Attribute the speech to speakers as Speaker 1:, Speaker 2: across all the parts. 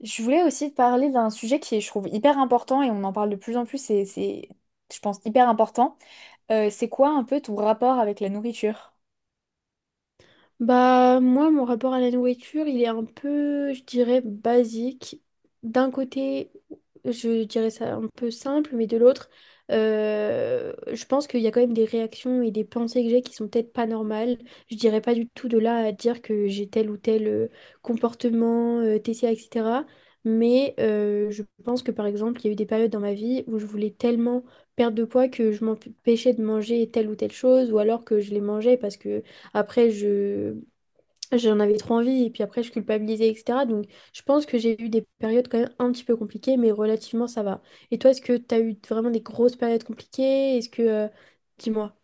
Speaker 1: Je voulais aussi te parler d'un sujet qui est, je trouve, hyper important et on en parle de plus en plus, et c'est, je pense, hyper important. C'est quoi un peu ton rapport avec la nourriture?
Speaker 2: Bah, moi, mon rapport à la nourriture, il est un peu, je dirais, basique. D'un côté, je dirais ça un peu simple, mais de l'autre, je pense qu'il y a quand même des réactions et des pensées que j'ai qui sont peut-être pas normales. Je dirais pas du tout de là à dire que j'ai tel ou tel comportement, TCA, etc. Mais je pense que, par exemple, il y a eu des périodes dans ma vie où je voulais tellement perdre de poids que je m'empêchais de manger telle ou telle chose, ou alors que je les mangeais parce que après, je j'en avais trop envie et puis après, je culpabilisais, etc. Donc, je pense que j'ai eu des périodes quand même un petit peu compliquées, mais relativement, ça va. Et toi, est-ce que tu as eu vraiment des grosses périodes compliquées? Dis-moi.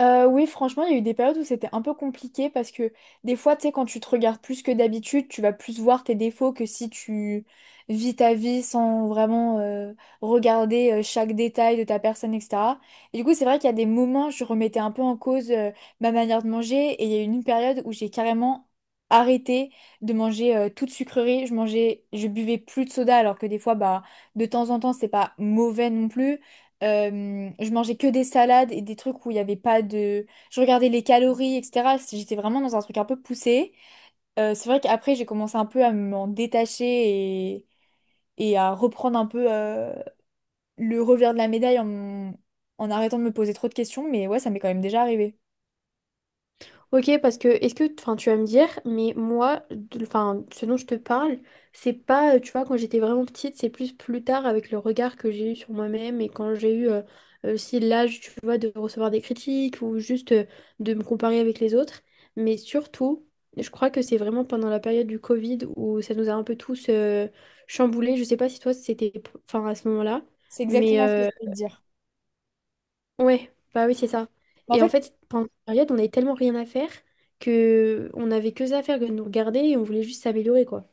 Speaker 1: Oui, franchement, il y a eu des périodes où c'était un peu compliqué parce que des fois, tu sais, quand tu te regardes plus que d'habitude, tu vas plus voir tes défauts que si tu vis ta vie sans vraiment regarder chaque détail de ta personne, etc. Et du coup, c'est vrai qu'il y a des moments, je remettais un peu en cause ma manière de manger et il y a eu une période où j'ai carrément arrêté de manger toute sucrerie. Je mangeais, je buvais plus de soda alors que des fois, bah, de temps en temps, c'est pas mauvais non plus. Je mangeais que des salades et des trucs où il n'y avait pas de Je regardais les calories, etc. J'étais vraiment dans un truc un peu poussé. C'est vrai qu'après, j'ai commencé un peu à m'en détacher et à reprendre un peu le revers de la médaille en en arrêtant de me poser trop de questions. Mais ouais, ça m'est quand même déjà arrivé.
Speaker 2: Ok, parce que est-ce que, enfin, tu vas me dire, mais moi, enfin, ce dont je te parle, c'est pas, tu vois, quand j'étais vraiment petite, c'est plus tard avec le regard que j'ai eu sur moi-même et quand j'ai eu aussi l'âge, tu vois, de recevoir des critiques ou juste de me comparer avec les autres. Mais surtout, je crois que c'est vraiment pendant la période du Covid où ça nous a un peu tous chamboulés. Je sais pas si toi c'était, enfin à ce moment-là,
Speaker 1: C'est
Speaker 2: mais
Speaker 1: exactement ce que je voulais te dire.
Speaker 2: ouais, bah oui, c'est ça.
Speaker 1: Mais en
Speaker 2: Et en
Speaker 1: fait,
Speaker 2: fait, pendant cette période, on n'avait tellement rien à faire que on n'avait que ça à faire que de nous regarder et on voulait juste s'améliorer, quoi.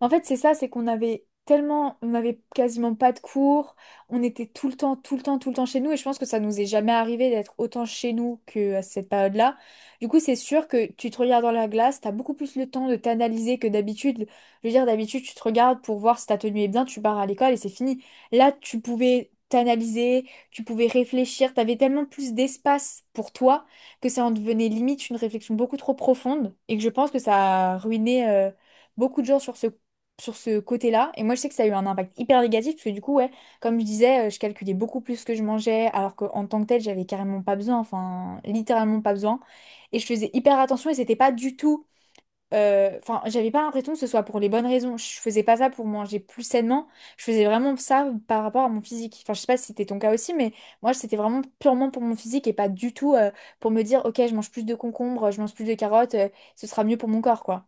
Speaker 1: en fait, c'est ça, c'est qu'on avait tellement, on n'avait quasiment pas de cours, on était tout le temps, tout le temps, tout le temps chez nous, et je pense que ça nous est jamais arrivé d'être autant chez nous que à cette période-là. Du coup, c'est sûr que tu te regardes dans la glace, t'as beaucoup plus le temps de t'analyser que d'habitude. Je veux dire, d'habitude, tu te regardes pour voir si ta tenue est bien, tu pars à l'école et c'est fini. Là, tu pouvais t'analyser, tu pouvais réfléchir, t'avais tellement plus d'espace pour toi que ça en devenait limite une réflexion beaucoup trop profonde, et que je pense que ça a ruiné beaucoup de gens sur ce côté-là. Et moi, je sais que ça a eu un impact hyper négatif, parce que du coup, ouais, comme je disais, je calculais beaucoup plus ce que je mangeais, alors qu'en tant que tel, j'avais carrément pas besoin, enfin, littéralement pas besoin. Et je faisais hyper attention, et c'était pas du tout. Enfin, j'avais pas l'impression que ce soit pour les bonnes raisons. Je faisais pas ça pour manger plus sainement. Je faisais vraiment ça par rapport à mon physique. Enfin, je sais pas si c'était ton cas aussi, mais moi, c'était vraiment purement pour mon physique et pas du tout pour me dire, ok, je mange plus de concombres, je mange plus de carottes, ce sera mieux pour mon corps, quoi.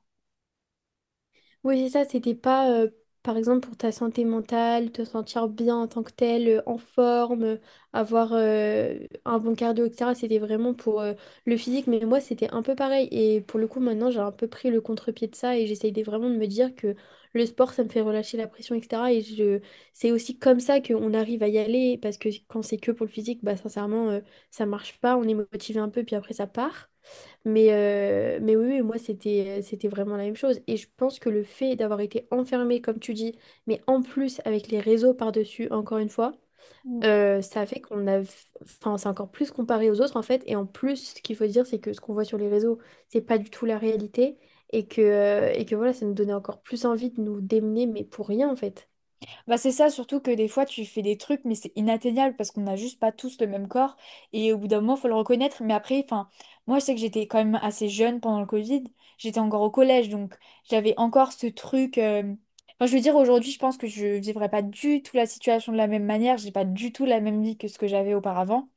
Speaker 2: Oui, c'est ça, c'était pas, par exemple, pour ta santé mentale, te sentir bien en tant que tel, en forme, avoir un bon cardio, etc. C'était vraiment pour le physique, mais moi, c'était un peu pareil. Et pour le coup, maintenant, j'ai un peu pris le contre-pied de ça et vraiment de me dire que le sport, ça me fait relâcher la pression, etc. Et je... c'est aussi comme ça qu'on arrive à y aller, parce que quand c'est que pour le physique, bah, sincèrement, ça marche pas, on est motivé un peu, puis après, ça part. Mais oui, oui, moi, c'était, c'était vraiment la même chose. Et je pense que le fait d'avoir été enfermé, comme tu dis, mais en plus avec les réseaux par-dessus, encore une fois, ça a fait qu'on a... Enfin, c'est encore plus comparé aux autres, en fait. Et en plus, ce qu'il faut dire, c'est que ce qu'on voit sur les réseaux, c'est pas du tout la réalité. Et que voilà, ça nous donnait encore plus envie de nous démener, mais pour rien, en fait.
Speaker 1: Bah c'est ça, surtout que des fois tu fais des trucs, mais c'est inatteignable parce qu'on n'a juste pas tous le même corps. Et au bout d'un moment, faut le reconnaître. Mais après, enfin, moi je sais que j'étais quand même assez jeune pendant le Covid. J'étais encore au collège, donc j'avais encore ce truc. Enfin, je veux dire, aujourd'hui, je pense que je vivrais pas du tout la situation de la même manière. J'ai pas du tout la même vie que ce que j'avais auparavant.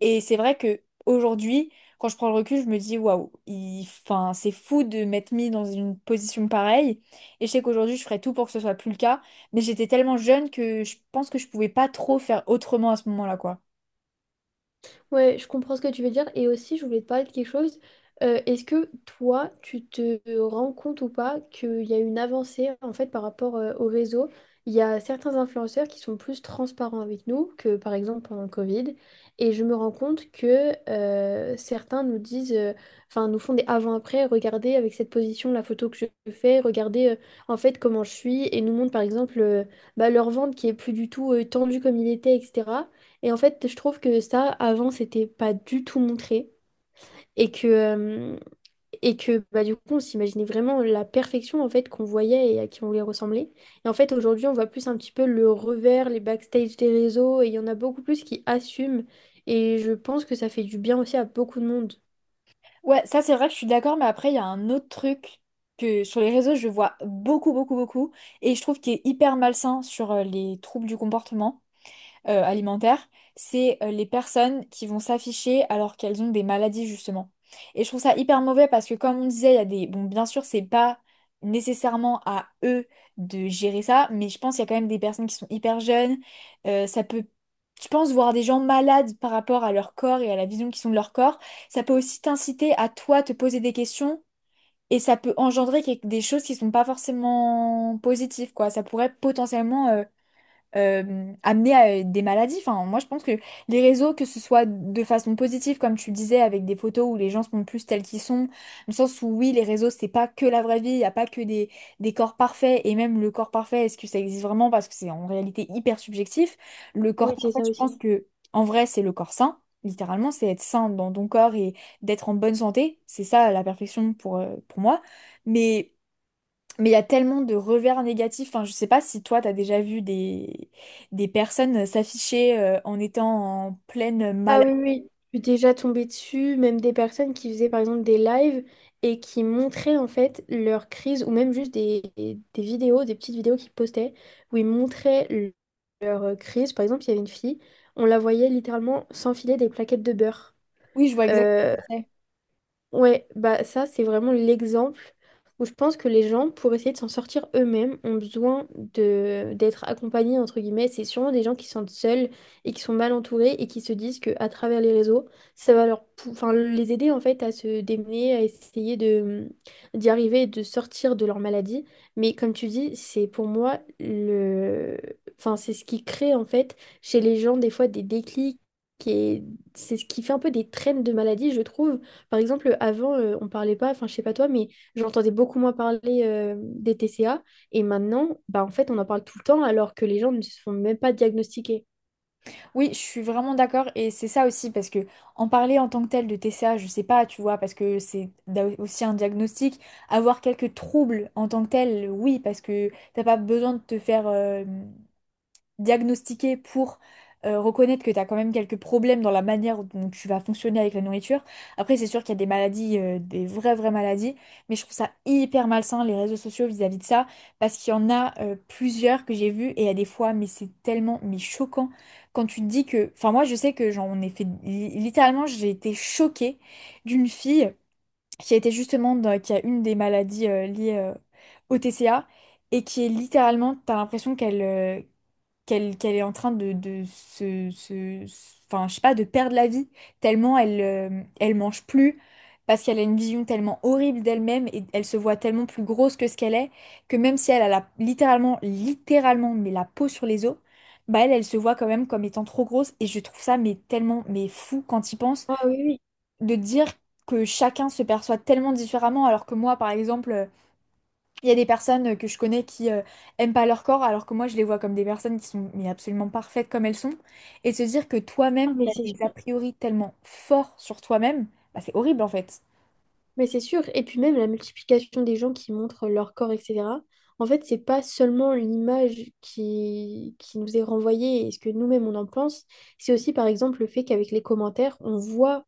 Speaker 1: Et c'est vrai que aujourd'hui, quand je prends le recul, je me dis waouh, enfin, c'est fou de m'être mis dans une position pareille. Et je sais qu'aujourd'hui, je ferais tout pour que ce soit plus le cas. Mais j'étais tellement jeune que je pense que je pouvais pas trop faire autrement à ce moment-là, quoi.
Speaker 2: Ouais, je comprends ce que tu veux dire. Et aussi, je voulais te parler de quelque chose. Est-ce que toi, tu te rends compte ou pas qu'il y a une avancée en fait par rapport au réseau? Il y a certains influenceurs qui sont plus transparents avec nous que par exemple pendant le Covid. Et je me rends compte que certains nous disent, enfin nous font des avant-après, regardez avec cette position la photo que je fais, regardez en fait comment je suis et nous montrent par exemple bah, leur ventre qui est plus du tout tendu comme il était, etc. Et en fait, je trouve que ça, avant, c'était pas du tout montré. Et que, euh, et que bah, du coup, on s'imaginait vraiment la perfection en fait qu'on voyait et à qui on voulait ressembler. Et en fait, aujourd'hui, on voit plus un petit peu le revers, les backstage des réseaux. Et il y en a beaucoup plus qui assument. Et je pense que ça fait du bien aussi à beaucoup de monde.
Speaker 1: Ouais, ça c'est vrai que je suis d'accord, mais après, il y a un autre truc que sur les réseaux, je vois beaucoup, beaucoup, beaucoup. Et je trouve qu'il est hyper malsain sur les troubles du comportement. Alimentaire, c'est les personnes qui vont s'afficher alors qu'elles ont des maladies justement. Et je trouve ça hyper mauvais parce que comme on disait, il y a Bon, bien sûr, c'est pas nécessairement à eux de gérer ça, mais je pense qu'il y a quand même des personnes qui sont hyper jeunes. Ça peut Je pense voir des gens malades par rapport à leur corps et à la vision qu'ils ont de leur corps. Ça peut aussi t'inciter à toi te poser des questions. Et ça peut engendrer des choses qui sont pas forcément positives, quoi. Ça pourrait potentiellement amener à des maladies. Enfin, moi, je pense que les réseaux, que ce soit de façon positive, comme tu disais, avec des photos où les gens se montrent plus tels qu'ils sont, dans le sens où oui, les réseaux, c'est pas que la vraie vie, il n'y a pas que des corps parfaits, et même le corps parfait, est-ce que ça existe vraiment? Parce que c'est en réalité hyper subjectif. Le corps
Speaker 2: Oui, c'est
Speaker 1: parfait,
Speaker 2: ça
Speaker 1: je
Speaker 2: aussi.
Speaker 1: pense que en vrai, c'est le corps sain. Littéralement, c'est être sain dans ton corps et d'être en bonne santé. C'est ça la perfection pour moi. Mais mais il y a tellement de revers négatifs. Enfin, je sais pas si toi, t'as déjà vu des personnes s'afficher en étant en pleine
Speaker 2: Ah
Speaker 1: maladie.
Speaker 2: oui, oui, je suis déjà tombée dessus, même des personnes qui faisaient par exemple des lives et qui montraient en fait leur crise ou même juste des vidéos, des petites vidéos qu'ils postaient où leur crise. Par exemple, il y avait une fille, on la voyait littéralement s'enfiler des plaquettes de beurre.
Speaker 1: Oui, je vois exactement ce
Speaker 2: Euh,
Speaker 1: que c'est.
Speaker 2: Ouais, bah ça, c'est vraiment l'exemple où je pense que les gens, pour essayer de s'en sortir eux-mêmes, ont besoin de d'être accompagnés entre guillemets. C'est sûrement des gens qui se sentent seuls et qui sont mal entourés et qui se disent que à travers les réseaux, ça va leur, enfin les aider en fait à se démener, à essayer de d'y arriver, et de sortir de leur maladie. Mais comme tu dis, c'est pour moi le, enfin c'est ce qui crée en fait chez les gens des fois des déclics et c'est ce qui fait un peu des traînes de maladie, je trouve, par exemple. Avant, on parlait pas, enfin, je sais pas toi, mais j'entendais beaucoup moins parler des TCA. Et maintenant, bah, en fait, on en parle tout le temps alors que les gens ne se font même pas diagnostiquer.
Speaker 1: Oui, je suis vraiment d'accord. Et c'est ça aussi, parce que en parler en tant que tel de TCA, je sais pas, tu vois, parce que c'est aussi un diagnostic. Avoir quelques troubles en tant que tel, oui, parce que t'as pas besoin de te faire diagnostiquer pour reconnaître que tu as quand même quelques problèmes dans la manière dont tu vas fonctionner avec la nourriture. Après, c'est sûr qu'il y a des maladies, des vraies, vraies maladies, mais je trouve ça hyper malsain, les réseaux sociaux vis-à-vis de ça, parce qu'il y en a plusieurs que j'ai vues et à des fois, mais c'est tellement, mais choquant, quand tu te dis Enfin, moi, je sais que j'en ai Littéralement, j'ai été choquée d'une fille qui a été qui a une des maladies liées au TCA, et qui est T'as l'impression qu'elle qu'elle est en train de se, enfin, je sais pas, de perdre la vie, tellement elle, elle mange plus, parce qu'elle a une vision tellement horrible d'elle-même et elle se voit tellement plus grosse que ce qu'elle est, que même si elle a littéralement, littéralement, mais la peau sur les os, bah elle, elle se voit quand même comme étant trop grosse et je trouve ça mais tellement, mais fou quand il pense
Speaker 2: Ah oui, oui.
Speaker 1: de dire que chacun se perçoit tellement différemment alors que moi, par exemple, il y a des personnes que je connais qui aiment pas leur corps, alors que moi je les vois comme des personnes qui sont mais absolument parfaites comme elles sont. Et de se dire que
Speaker 2: Ah,
Speaker 1: toi-même,
Speaker 2: mais
Speaker 1: tu as
Speaker 2: c'est
Speaker 1: des a
Speaker 2: sûr.
Speaker 1: priori tellement forts sur toi-même, bah, c'est horrible en fait.
Speaker 2: Mais c'est sûr. Et puis même la multiplication des gens qui montrent leur corps, etc. En fait, c'est pas seulement l'image qui nous est renvoyée et ce que nous-mêmes on en pense, c'est aussi par exemple le fait qu'avec les commentaires, on voit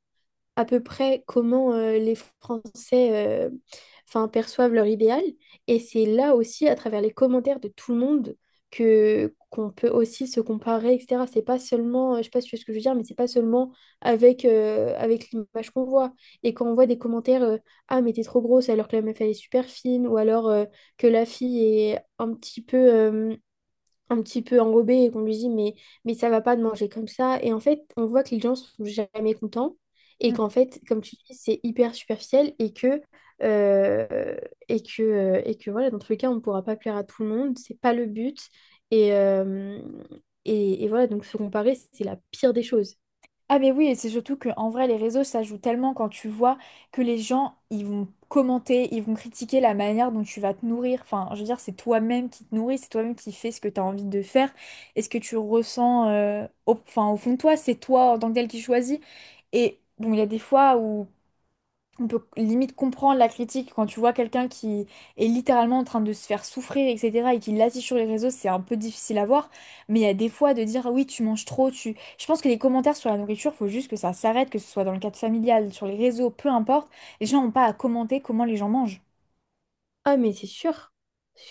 Speaker 2: à peu près comment les Français enfin, perçoivent leur idéal. Et c'est là aussi, à travers les commentaires de tout le monde, que qu'on peut aussi se comparer, etc. C'est pas seulement, je sais pas si tu vois ce que je veux dire, mais c'est pas seulement avec, avec l'image qu'on voit. Et quand on voit des commentaires, ah mais t'es trop grosse alors que la meuf elle est super fine, ou alors que la fille est un petit peu enrobé et qu'on lui dit mais ça va pas de manger comme ça. Et en fait, on voit que les gens sont jamais contents et
Speaker 1: Mm.
Speaker 2: qu'en fait, comme tu dis, c'est hyper superficiel euh, et que voilà, dans tous les cas, on ne pourra pas plaire à tout le monde, c'est pas le but. Et, euh, et voilà, donc se comparer, c'est la pire des choses.
Speaker 1: Ah mais oui, et c'est surtout que en vrai, les réseaux, ça joue tellement quand tu vois que les gens, ils vont commenter, ils vont critiquer la manière dont tu vas te nourrir. Enfin, je veux dire, c'est toi-même qui te nourris, c'est toi-même qui fais ce que tu as envie de faire. Et ce que tu ressens au, enfin, au fond de toi, c'est toi en tant que tel qui choisis. Et bon, il y a des fois où on peut limite comprendre la critique quand tu vois quelqu'un qui est littéralement en train de se faire souffrir, etc., et qui l'affiche sur les réseaux, c'est un peu difficile à voir. Mais il y a des fois de dire, Ah oui, tu manges trop, tu Je pense que les commentaires sur la nourriture, faut juste que ça s'arrête, que ce soit dans le cadre familial, sur les réseaux, peu importe. Les gens n'ont pas à commenter comment les gens mangent.
Speaker 2: Ah, mais c'est sûr,